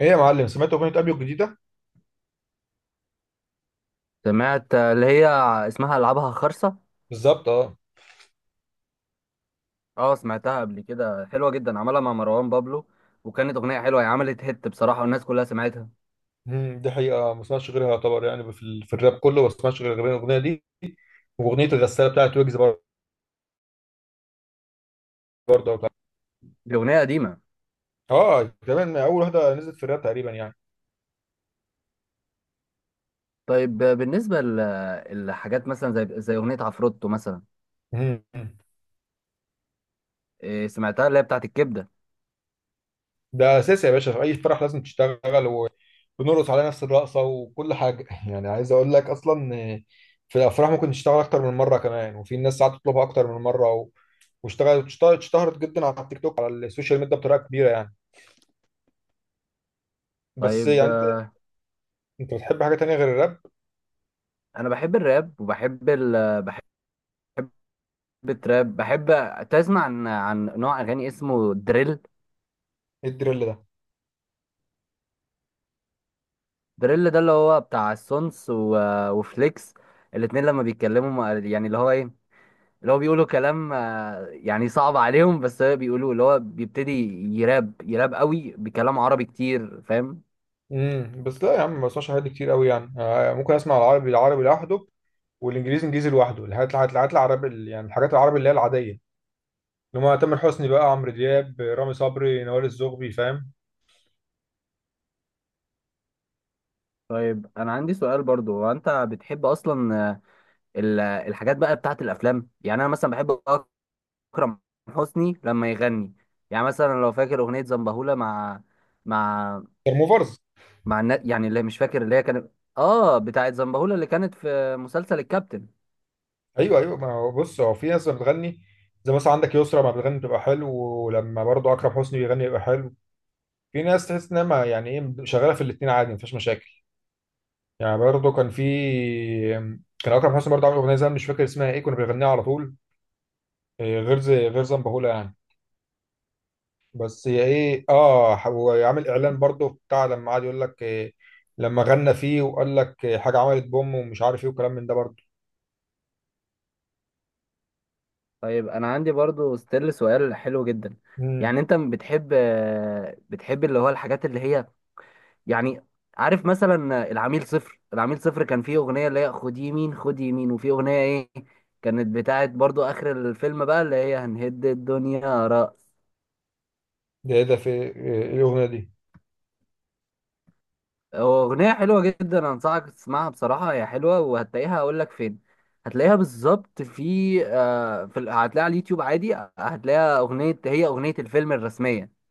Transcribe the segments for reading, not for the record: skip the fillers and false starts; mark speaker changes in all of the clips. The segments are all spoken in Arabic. Speaker 1: ايه يا معلم، سمعت اغنيه ابيو الجديده؟
Speaker 2: سمعت اللي هي اسمها العابها خرصة.
Speaker 1: بالظبط اه.
Speaker 2: اه سمعتها قبل كده، حلوة جدا، عملها مع مروان بابلو. وكانت اغنية حلوة، هي عملت هيت بصراحة والناس كلها سمعتها.
Speaker 1: دي حقيقة ما اسمعش غيرها، يعتبر يعني في الراب كله ما اسمعش غير الأغنية دي. وأغنية الغسالة بتاعت ويجز برضه بتاع-
Speaker 2: دي اغنية قديمة.
Speaker 1: اه كمان اول واحده نزلت في الراب تقريبا يعني.
Speaker 2: طيب بالنسبة لحاجات مثلا زي اغنية عفروتو مثلا؟
Speaker 1: مم،
Speaker 2: إيه، سمعتها.
Speaker 1: اساسي يا باشا، في اي فرح بنرقص نفس وكل حاجه. عايز اقول لك اصلا اشتغل اكتر من مره، كمان ساعات تطلبها اكتر من مره واشتغل. اشتهرت جدا على التيك توك، على السوشيال ميديا، كبيره يعني. انت بتحب حاجه تانيه غير الراب؟
Speaker 2: انا بحب الراب وبحب بحب التراب. بحب تسمع عن نوع اغاني اسمه دريل.
Speaker 1: ايه الدريل ده؟
Speaker 2: دريل ده اللي هو بتاع السونس وفليكس. الاتنين لما بيتكلموا يعني اللي هو ايه، اللي هو بيقولوا كلام يعني صعب عليهم، بس هو بيقولوا اللي هو بيبتدي يراب، يراب قوي بكلام عربي كتير، فاهم.
Speaker 1: بس لا يا عم، ما بسمعش حاجات كتير قوي يعني، ممكن اسمع العربي العربي لوحده والانجليزي انجليزي لوحده. الحاجات العربي يعني الحاجات العربي اللي هي العاديه، اللي هم تامر حسني بقى، عمرو دياب، رامي صبري، نوال الزغبي، فاهم؟
Speaker 2: طيب انا عندي سؤال برضو، هو انت بتحب اصلا الحاجات بقى بتاعت الافلام؟ يعني انا مثلا بحب اكرم حسني لما يغني. يعني مثلا لو فاكر اغنية زنبهولة مع مع
Speaker 1: موفرز.
Speaker 2: مع يعني اللي مش فاكر اللي هي كانت، اه بتاعت زنبهولة اللي كانت في مسلسل الكابتن.
Speaker 1: ايوه ايوه، ما هو بص، هو في ناس بتغني، زي مثلا عندك يسرا ما بتغني بتبقى حلو، ولما برضه اكرم حسني بيغني بيبقى حلو. في ناس تحس انها يعني ايه، شغاله في الاثنين عادي، مفيش مشاكل. يعني برضه كان في. كان اكرم حسني برضه عامل اغنيه زمان مش فاكر اسمها ايه، كنا بنغنيها على طول، غير غير زنبهولة يعني. بس هي ايه، اه هو عامل اعلان برضه بتاع، لما قعد يقول لك إيه، لما غنى فيه وقال لك إيه، حاجه عملت بوم ومش عارف ايه وكلام من ده برضه.
Speaker 2: طيب انا عندي برضو ستيل سؤال حلو جدا.
Speaker 1: امم.
Speaker 2: يعني انت بتحب اللي هو الحاجات اللي هي يعني، عارف مثلا العميل صفر؟ العميل صفر كان فيه اغنية اللي هي خد يمين، خد يمين، وفي اغنية ايه، كانت بتاعت برضو اخر الفيلم بقى اللي هي هنهد الدنيا رأس.
Speaker 1: ده ايه ده، في إيه الاغنيه دي؟
Speaker 2: هو اغنية حلوة جدا، انصحك تسمعها بصراحة، هي حلوة، وهتلاقيها اقول لك فين. هتلاقيها بالظبط في هتلاقيها على اليوتيوب عادي، هتلاقيها اغنية، هي اغنية الفيلم الرسمية.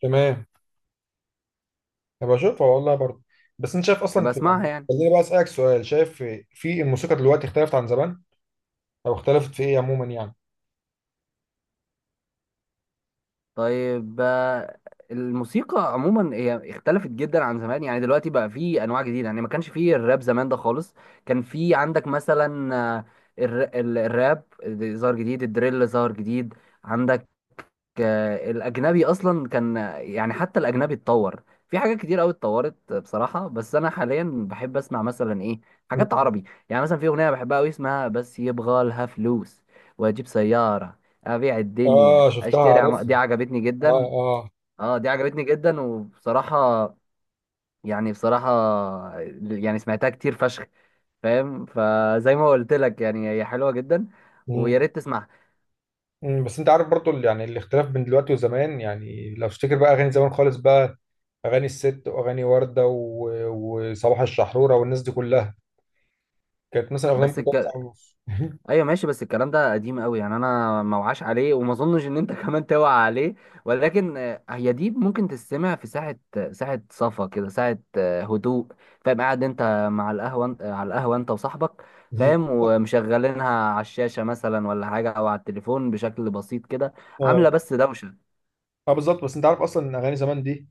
Speaker 1: تمام، هبقى اشوفها والله برضه. بس انت شايف اصلا
Speaker 2: يبقى
Speaker 1: في
Speaker 2: اسمعها
Speaker 1: يعني،
Speaker 2: يعني.
Speaker 1: خليني بقى اسالك سؤال، شايف في الموسيقى دلوقتي اختلفت عن زمان او اختلفت في ايه عموما يعني؟
Speaker 2: طيب الموسيقى عموما هي اختلفت جدا عن زمان. يعني دلوقتي بقى في انواع جديده، يعني ما كانش فيه الراب زمان ده خالص. كان في عندك مثلا الراب ظهر جديد، الدريل ظهر جديد. عندك الاجنبي اصلا كان، يعني حتى الاجنبي اتطور. في حاجات كتير قوي اتطورت بصراحه، بس انا حاليا بحب اسمع مثلا ايه، حاجات
Speaker 1: مم.
Speaker 2: عربي. يعني مثلا في اغنيه بحبها قوي اسمها بس يبغى لها فلوس واجيب سياره، ابيع الدنيا
Speaker 1: اه شفتها،
Speaker 2: اشتري
Speaker 1: عارفها.
Speaker 2: دي عجبتني جدا.
Speaker 1: اه اه.
Speaker 2: اه دي عجبتني جدا وبصراحه، يعني بصراحه يعني سمعتها كتير فشخ، فاهم، فزي ما قلت لك يعني هي حلوه جدا، ويا
Speaker 1: مم.
Speaker 2: ريت تسمعها.
Speaker 1: مم. بس انت عارف برضه يعني الاختلاف بين دلوقتي وزمان، يعني لو تفتكر بقى اغاني زمان خالص بقى، اغاني الست واغاني ورده وصباح الشحروره والناس دي كلها، كانت مثلا اغنيه
Speaker 2: بس
Speaker 1: ممكن تقعد ساعه
Speaker 2: ك...
Speaker 1: ونص
Speaker 2: ايوه ماشي، بس الكلام ده قديم قوي، يعني انا ما وعاش عليه وما اظنش ان انت كمان توعى عليه. ولكن هي دي ممكن تستمع في ساعه، ساعه صفا كده، ساعه هدوء، فاهم، قاعد انت مع القهوه على القهوه انت وصاحبك، فاهم، ومشغلينها على الشاشه مثلا ولا حاجه، او على التليفون بشكل بسيط كده، عامله
Speaker 1: اه
Speaker 2: بس دوشه.
Speaker 1: اه بالظبط، بس انت عارف اصلا ان اغاني زمان دي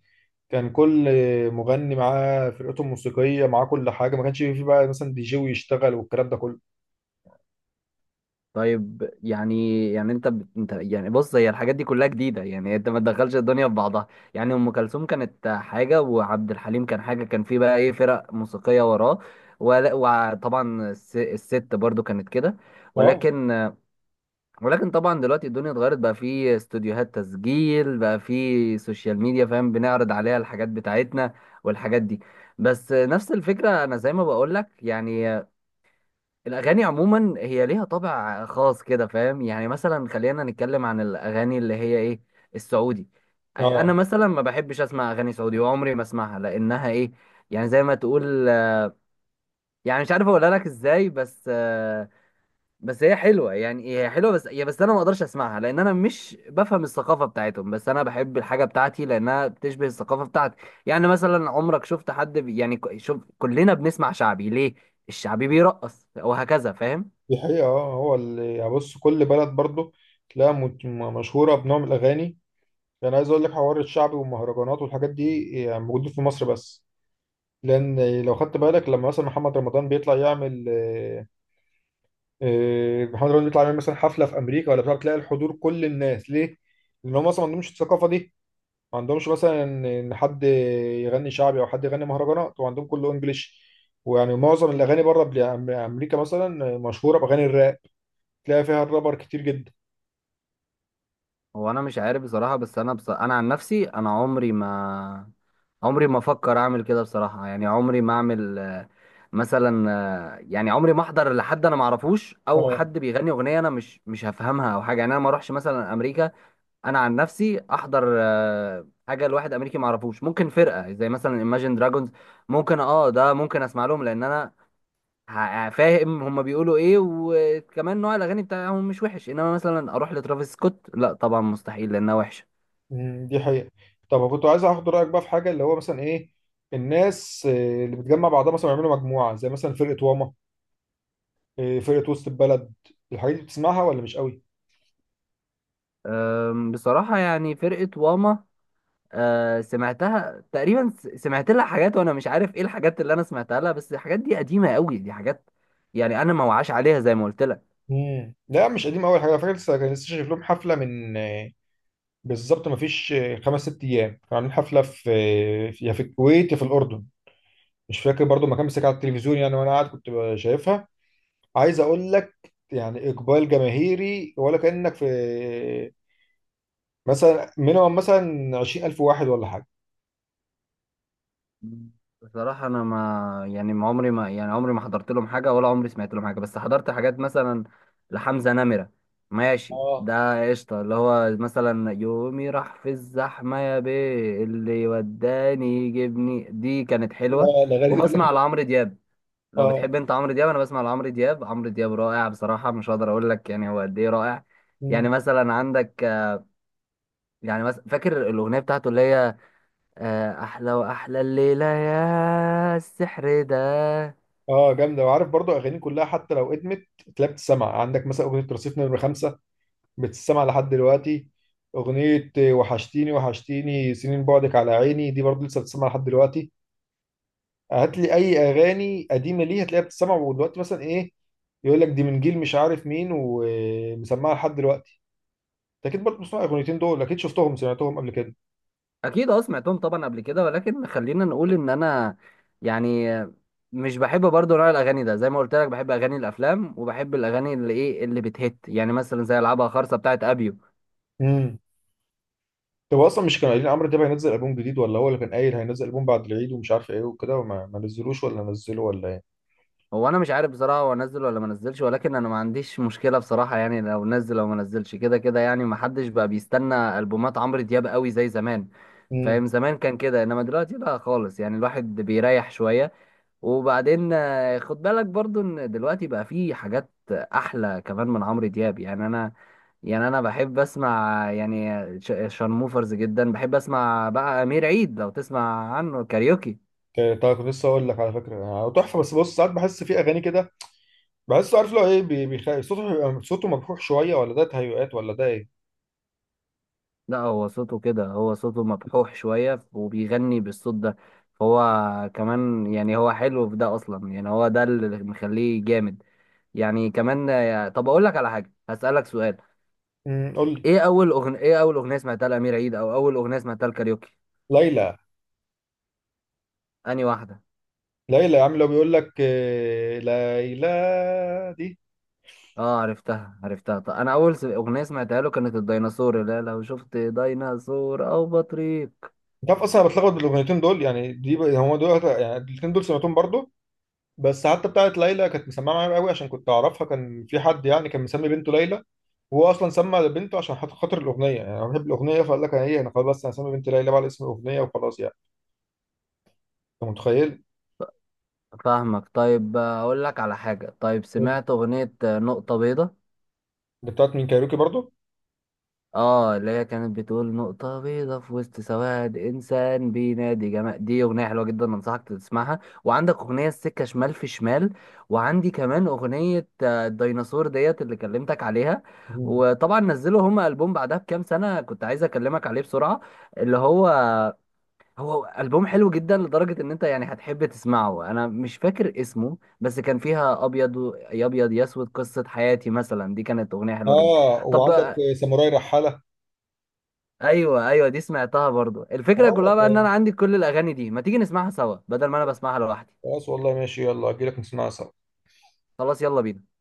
Speaker 1: كان كل مغني معاه فرقته الموسيقيه، معاه كل حاجه، ما كانش في بقى مثلا دي جي ويشتغل والكلام ده كله.
Speaker 2: طيب يعني انت انت يعني، بص هي الحاجات دي كلها جديده، يعني انت ما تدخلش الدنيا في بعضها. يعني ام كلثوم كانت حاجه، وعبد الحليم كان حاجه، كان في بقى ايه فرق موسيقيه وراه. وطبعا الست برضو كانت كده.
Speaker 1: اه.
Speaker 2: ولكن، ولكن طبعا دلوقتي الدنيا اتغيرت، بقى في استوديوهات تسجيل، بقى في سوشيال ميديا، فاهم، بنعرض عليها الحاجات بتاعتنا والحاجات دي. بس نفس الفكره، انا زي ما بقول لك يعني الأغاني عموما هي ليها طابع خاص كده، فاهم، يعني مثلا خلينا نتكلم عن الأغاني اللي هي إيه، السعودي. أنا
Speaker 1: اه
Speaker 2: مثلا ما بحبش أسمع أغاني سعودي وعمري ما أسمعها لأنها إيه، يعني زي ما تقول، يعني مش عارف أقولها لك إزاي، بس بس هي حلوة، يعني هي حلوة، بس أنا ما أقدرش أسمعها لأن أنا مش بفهم الثقافة بتاعتهم. بس أنا بحب الحاجة بتاعتي لأنها بتشبه الثقافة بتاعتي. يعني مثلا عمرك شفت حد يعني شوف، كلنا بنسمع شعبي ليه؟ الشعبي بيرقص وهكذا، فاهم.
Speaker 1: دي حقيقه، اه هو اللي يعني بص، كل بلد برضه تلاقيها مشهوره بنوع من الاغاني. يعني عايز اقول لك حوار الشعبي والمهرجانات والحاجات دي يعني موجود في مصر بس، لان لو خدت بالك لما مثلا محمد رمضان بيطلع يعمل محمد رمضان بيطلع يعمل مثلا حفله في امريكا ولا بتاع، تلاقي الحضور كل الناس، ليه؟ لان هم اصلا ما عندهمش الثقافه دي، ما عندهمش مثلا ان حد يغني شعبي او حد يغني مهرجانات، وعندهم كله انجليش. ويعني معظم الاغاني بره امريكا مثلا مشهوره باغاني الراب، تلاقي فيها الرابر كتير جدا.
Speaker 2: هو انا مش عارف بصراحه، بس انا انا عن نفسي انا عمري ما افكر اعمل كده بصراحه، يعني عمري ما اعمل مثلا يعني عمري ما احضر لحد انا ما اعرفوش، او
Speaker 1: اه.
Speaker 2: حد بيغني اغنيه انا مش هفهمها او حاجه. يعني انا ما اروحش مثلا امريكا انا عن نفسي احضر حاجه لواحد امريكي ما اعرفوش. ممكن فرقه زي مثلا Imagine Dragons ممكن، اه ده ممكن اسمع لهم لان انا فاهم هما بيقولوا ايه، وكمان نوع الاغاني بتاعهم مش وحش. انما مثلا اروح لترافيس سكوت، لا طبعا مستحيل لانها وحشه.
Speaker 1: دي حقيقه. طب كنت عايز اخد رايك بقى في حاجه، اللي هو مثلا ايه، الناس اللي بتجمع بعضها مثلا يعملوا مجموعه زي مثلا فرقه واما، فرقة وسط البلد، الحاجات دي بتسمعها ولا مش قوي؟
Speaker 2: أم، بصراحة يعني فرقة واما أه، سمعتها تقريبا، سمعت لها حاجات وانا مش عارف ايه الحاجات اللي انا سمعتها لها، بس الحاجات دي قديمة قوي، دي حاجات يعني انا ما وعاش عليها زي ما قلت لك.
Speaker 1: مم. لا مش قديم قوي حاجة، فاكر لسه كان لسه شايف لهم حفلة من بالظبط ما فيش خمس ست أيام، كانوا عاملين حفلة في يا في الكويت يا في الأردن، مش فاكر برضو المكان، بس كان على التلفزيون يعني وأنا قاعد شايفها. عايز أقول لك يعني إقبال جماهيري، ولا كأنك في مثلا مينيمم مثلا 20,000 واحد ولا حاجة.
Speaker 2: مم. بصراحة انا ما يعني ما عمري ما، يعني عمري ما حضرت لهم حاجة ولا عمري سمعت لهم حاجة. بس حضرت حاجات مثلا لحمزة نمرة. ماشي،
Speaker 1: اه
Speaker 2: ده قشطة، اللي هو مثلا يومي راح في الزحمة، يا بيه اللي وداني يجيبني، دي كانت حلوة.
Speaker 1: اه الاغاني دي كلها
Speaker 2: وبسمع
Speaker 1: كده.
Speaker 2: لعمرو دياب، لو
Speaker 1: اه.
Speaker 2: بتحب انت عمرو دياب، انا بسمع لعمرو دياب، عمرو دياب رائع بصراحه، مش هقدر اقول لك يعني هو قد ايه رائع.
Speaker 1: مم.
Speaker 2: يعني مثلا عندك يعني مثلا فاكر الاغنيه بتاعته اللي هي احلى واحلى الليله يا السحر ده.
Speaker 1: اه جامده، وعارف برضو اغاني كلها حتى لو ادمت تلاقي بتسمع، عندك مثلا اغنيه رصيف نمره خمسة بتسمع لحد دلوقتي، اغنيه وحشتيني وحشتيني سنين بعدك على عيني دي برضو لسه بتسمع لحد دلوقتي. هات لي اي اغاني قديمه ليه هتلاقيها بتسمع، ودلوقتي مثلا ايه، يقول لك دي من جيل مش عارف مين، ومسمعها لحد دلوقتي. انت اكيد برضو بتسمع الاغنيتين دول، اكيد شفتهم سمعتهم قبل كده.
Speaker 2: اكيد، اه سمعتهم طبعا قبل كده، ولكن خلينا نقول ان انا يعني مش بحب برضو نوع الاغاني ده زي ما قلت لك، بحب اغاني الافلام وبحب الاغاني اللي ايه اللي بتهت، يعني مثلا زي العبها خرصه بتاعت ابيو.
Speaker 1: امم. طب اصلا مش كانوا قايلين عمرو دياب هينزل البوم جديد، ولا هو اللي كان قايل هينزل البوم بعد العيد ومش عارف ايه وكده، وما ما نزلوش ولا نزلوا ولا ايه؟
Speaker 2: هو انا مش عارف بصراحه، هو انزل ولا ما انزلش، ولكن انا ما عنديش مشكله بصراحه، يعني لو نزل او ما نزلش كده كده، يعني ما حدش بقى بيستنى البومات عمرو دياب قوي زي زمان.
Speaker 1: مم.
Speaker 2: فاهم، زمان كان كده، انما دلوقتي لا خالص، يعني الواحد بيريح شويه. وبعدين خد بالك برضو ان دلوقتي بقى في حاجات احلى كمان من عمرو دياب. يعني انا بحب اسمع يعني شارموفرز جدا، بحب اسمع بقى امير عيد، لو تسمع عنه كاريوكي.
Speaker 1: طيب، كنت لسه اقول لك على فكره يعني تحفه، بس بص ساعات بحس في اغاني كده بحسه، عارف لو ايه، صوته صوته مبحوح شويه، ولا ده تهيؤات ولا ده ايه؟
Speaker 2: لا، هو صوته كده، هو صوته مبحوح شوية وبيغني بالصوت ده، فهو كمان يعني هو حلو في ده أصلا، يعني هو ده اللي مخليه جامد يعني كمان. طب أقول لك على حاجة، هسألك سؤال.
Speaker 1: امم، قول لي.
Speaker 2: إيه أول أغنية سمعتها لأمير عيد، أو أول أغنية سمعتها لكاريوكي؟
Speaker 1: ليلى.
Speaker 2: أنهي واحدة؟
Speaker 1: ليلى يا عم، لو بيقول لك إيه، ليلى دي.
Speaker 2: آه، عرفتها. طب أنا أول أغنية سمعتها له كانت الديناصور، لا لو شفت ديناصور أو بطريق.
Speaker 1: انت عارف اصلا انا بتلخبط بالاغنيتين دول، يعني هم دول يعني الاثنين دول سمعتهم برضو. بس حتى بتاعه ليلى كانت مسمعه معايا قوي، عشان كنت اعرفها، كان في حد يعني كان مسمي بنته ليلى، وهو اصلا سمى بنته عشان خاطر الاغنيه، يعني انا بحب الاغنيه فقال لك انا ايه، انا خلاص بس انا هسمي بنتي ليلى بقى على اسم الاغنيه وخلاص يعني، انت متخيل.
Speaker 2: فاهمك. طيب أقول لك على حاجة، طيب سمعت أغنية نقطة بيضاء؟
Speaker 1: اللي بتاعت مين، كايروكي برضو؟
Speaker 2: اه، اللي هي كانت بتقول نقطة بيضة في وسط سواد، إنسان بينادي جمال، دي أغنية حلوة جدا أنصحك تسمعها. وعندك أغنية السكة شمال في شمال، وعندي كمان أغنية الديناصور ديت اللي كلمتك عليها.
Speaker 1: مم.
Speaker 2: وطبعا نزلوا هما ألبوم بعدها بكام سنة كنت عايز أكلمك عليه بسرعة، اللي هو، هو ألبوم حلو جدا لدرجة إن أنت يعني هتحب تسمعه. أنا مش فاكر اسمه، بس كان فيها أبيض يا أبيض يا أسود، قصة حياتي مثلا دي كانت أغنية حلوة جدا.
Speaker 1: اه
Speaker 2: طب.
Speaker 1: وعندك ساموراي رحالة.
Speaker 2: ايوه ايوه، دي سمعتها برضو. الفكره
Speaker 1: اه
Speaker 2: كلها بقى ان انا عندي كل الاغاني دي، ما تيجي نسمعها سوا بدل ما انا بسمعها لوحدي.
Speaker 1: خلاص والله، ماشي يلا اجي لك نسمعها سوا.
Speaker 2: خلاص يلا بينا.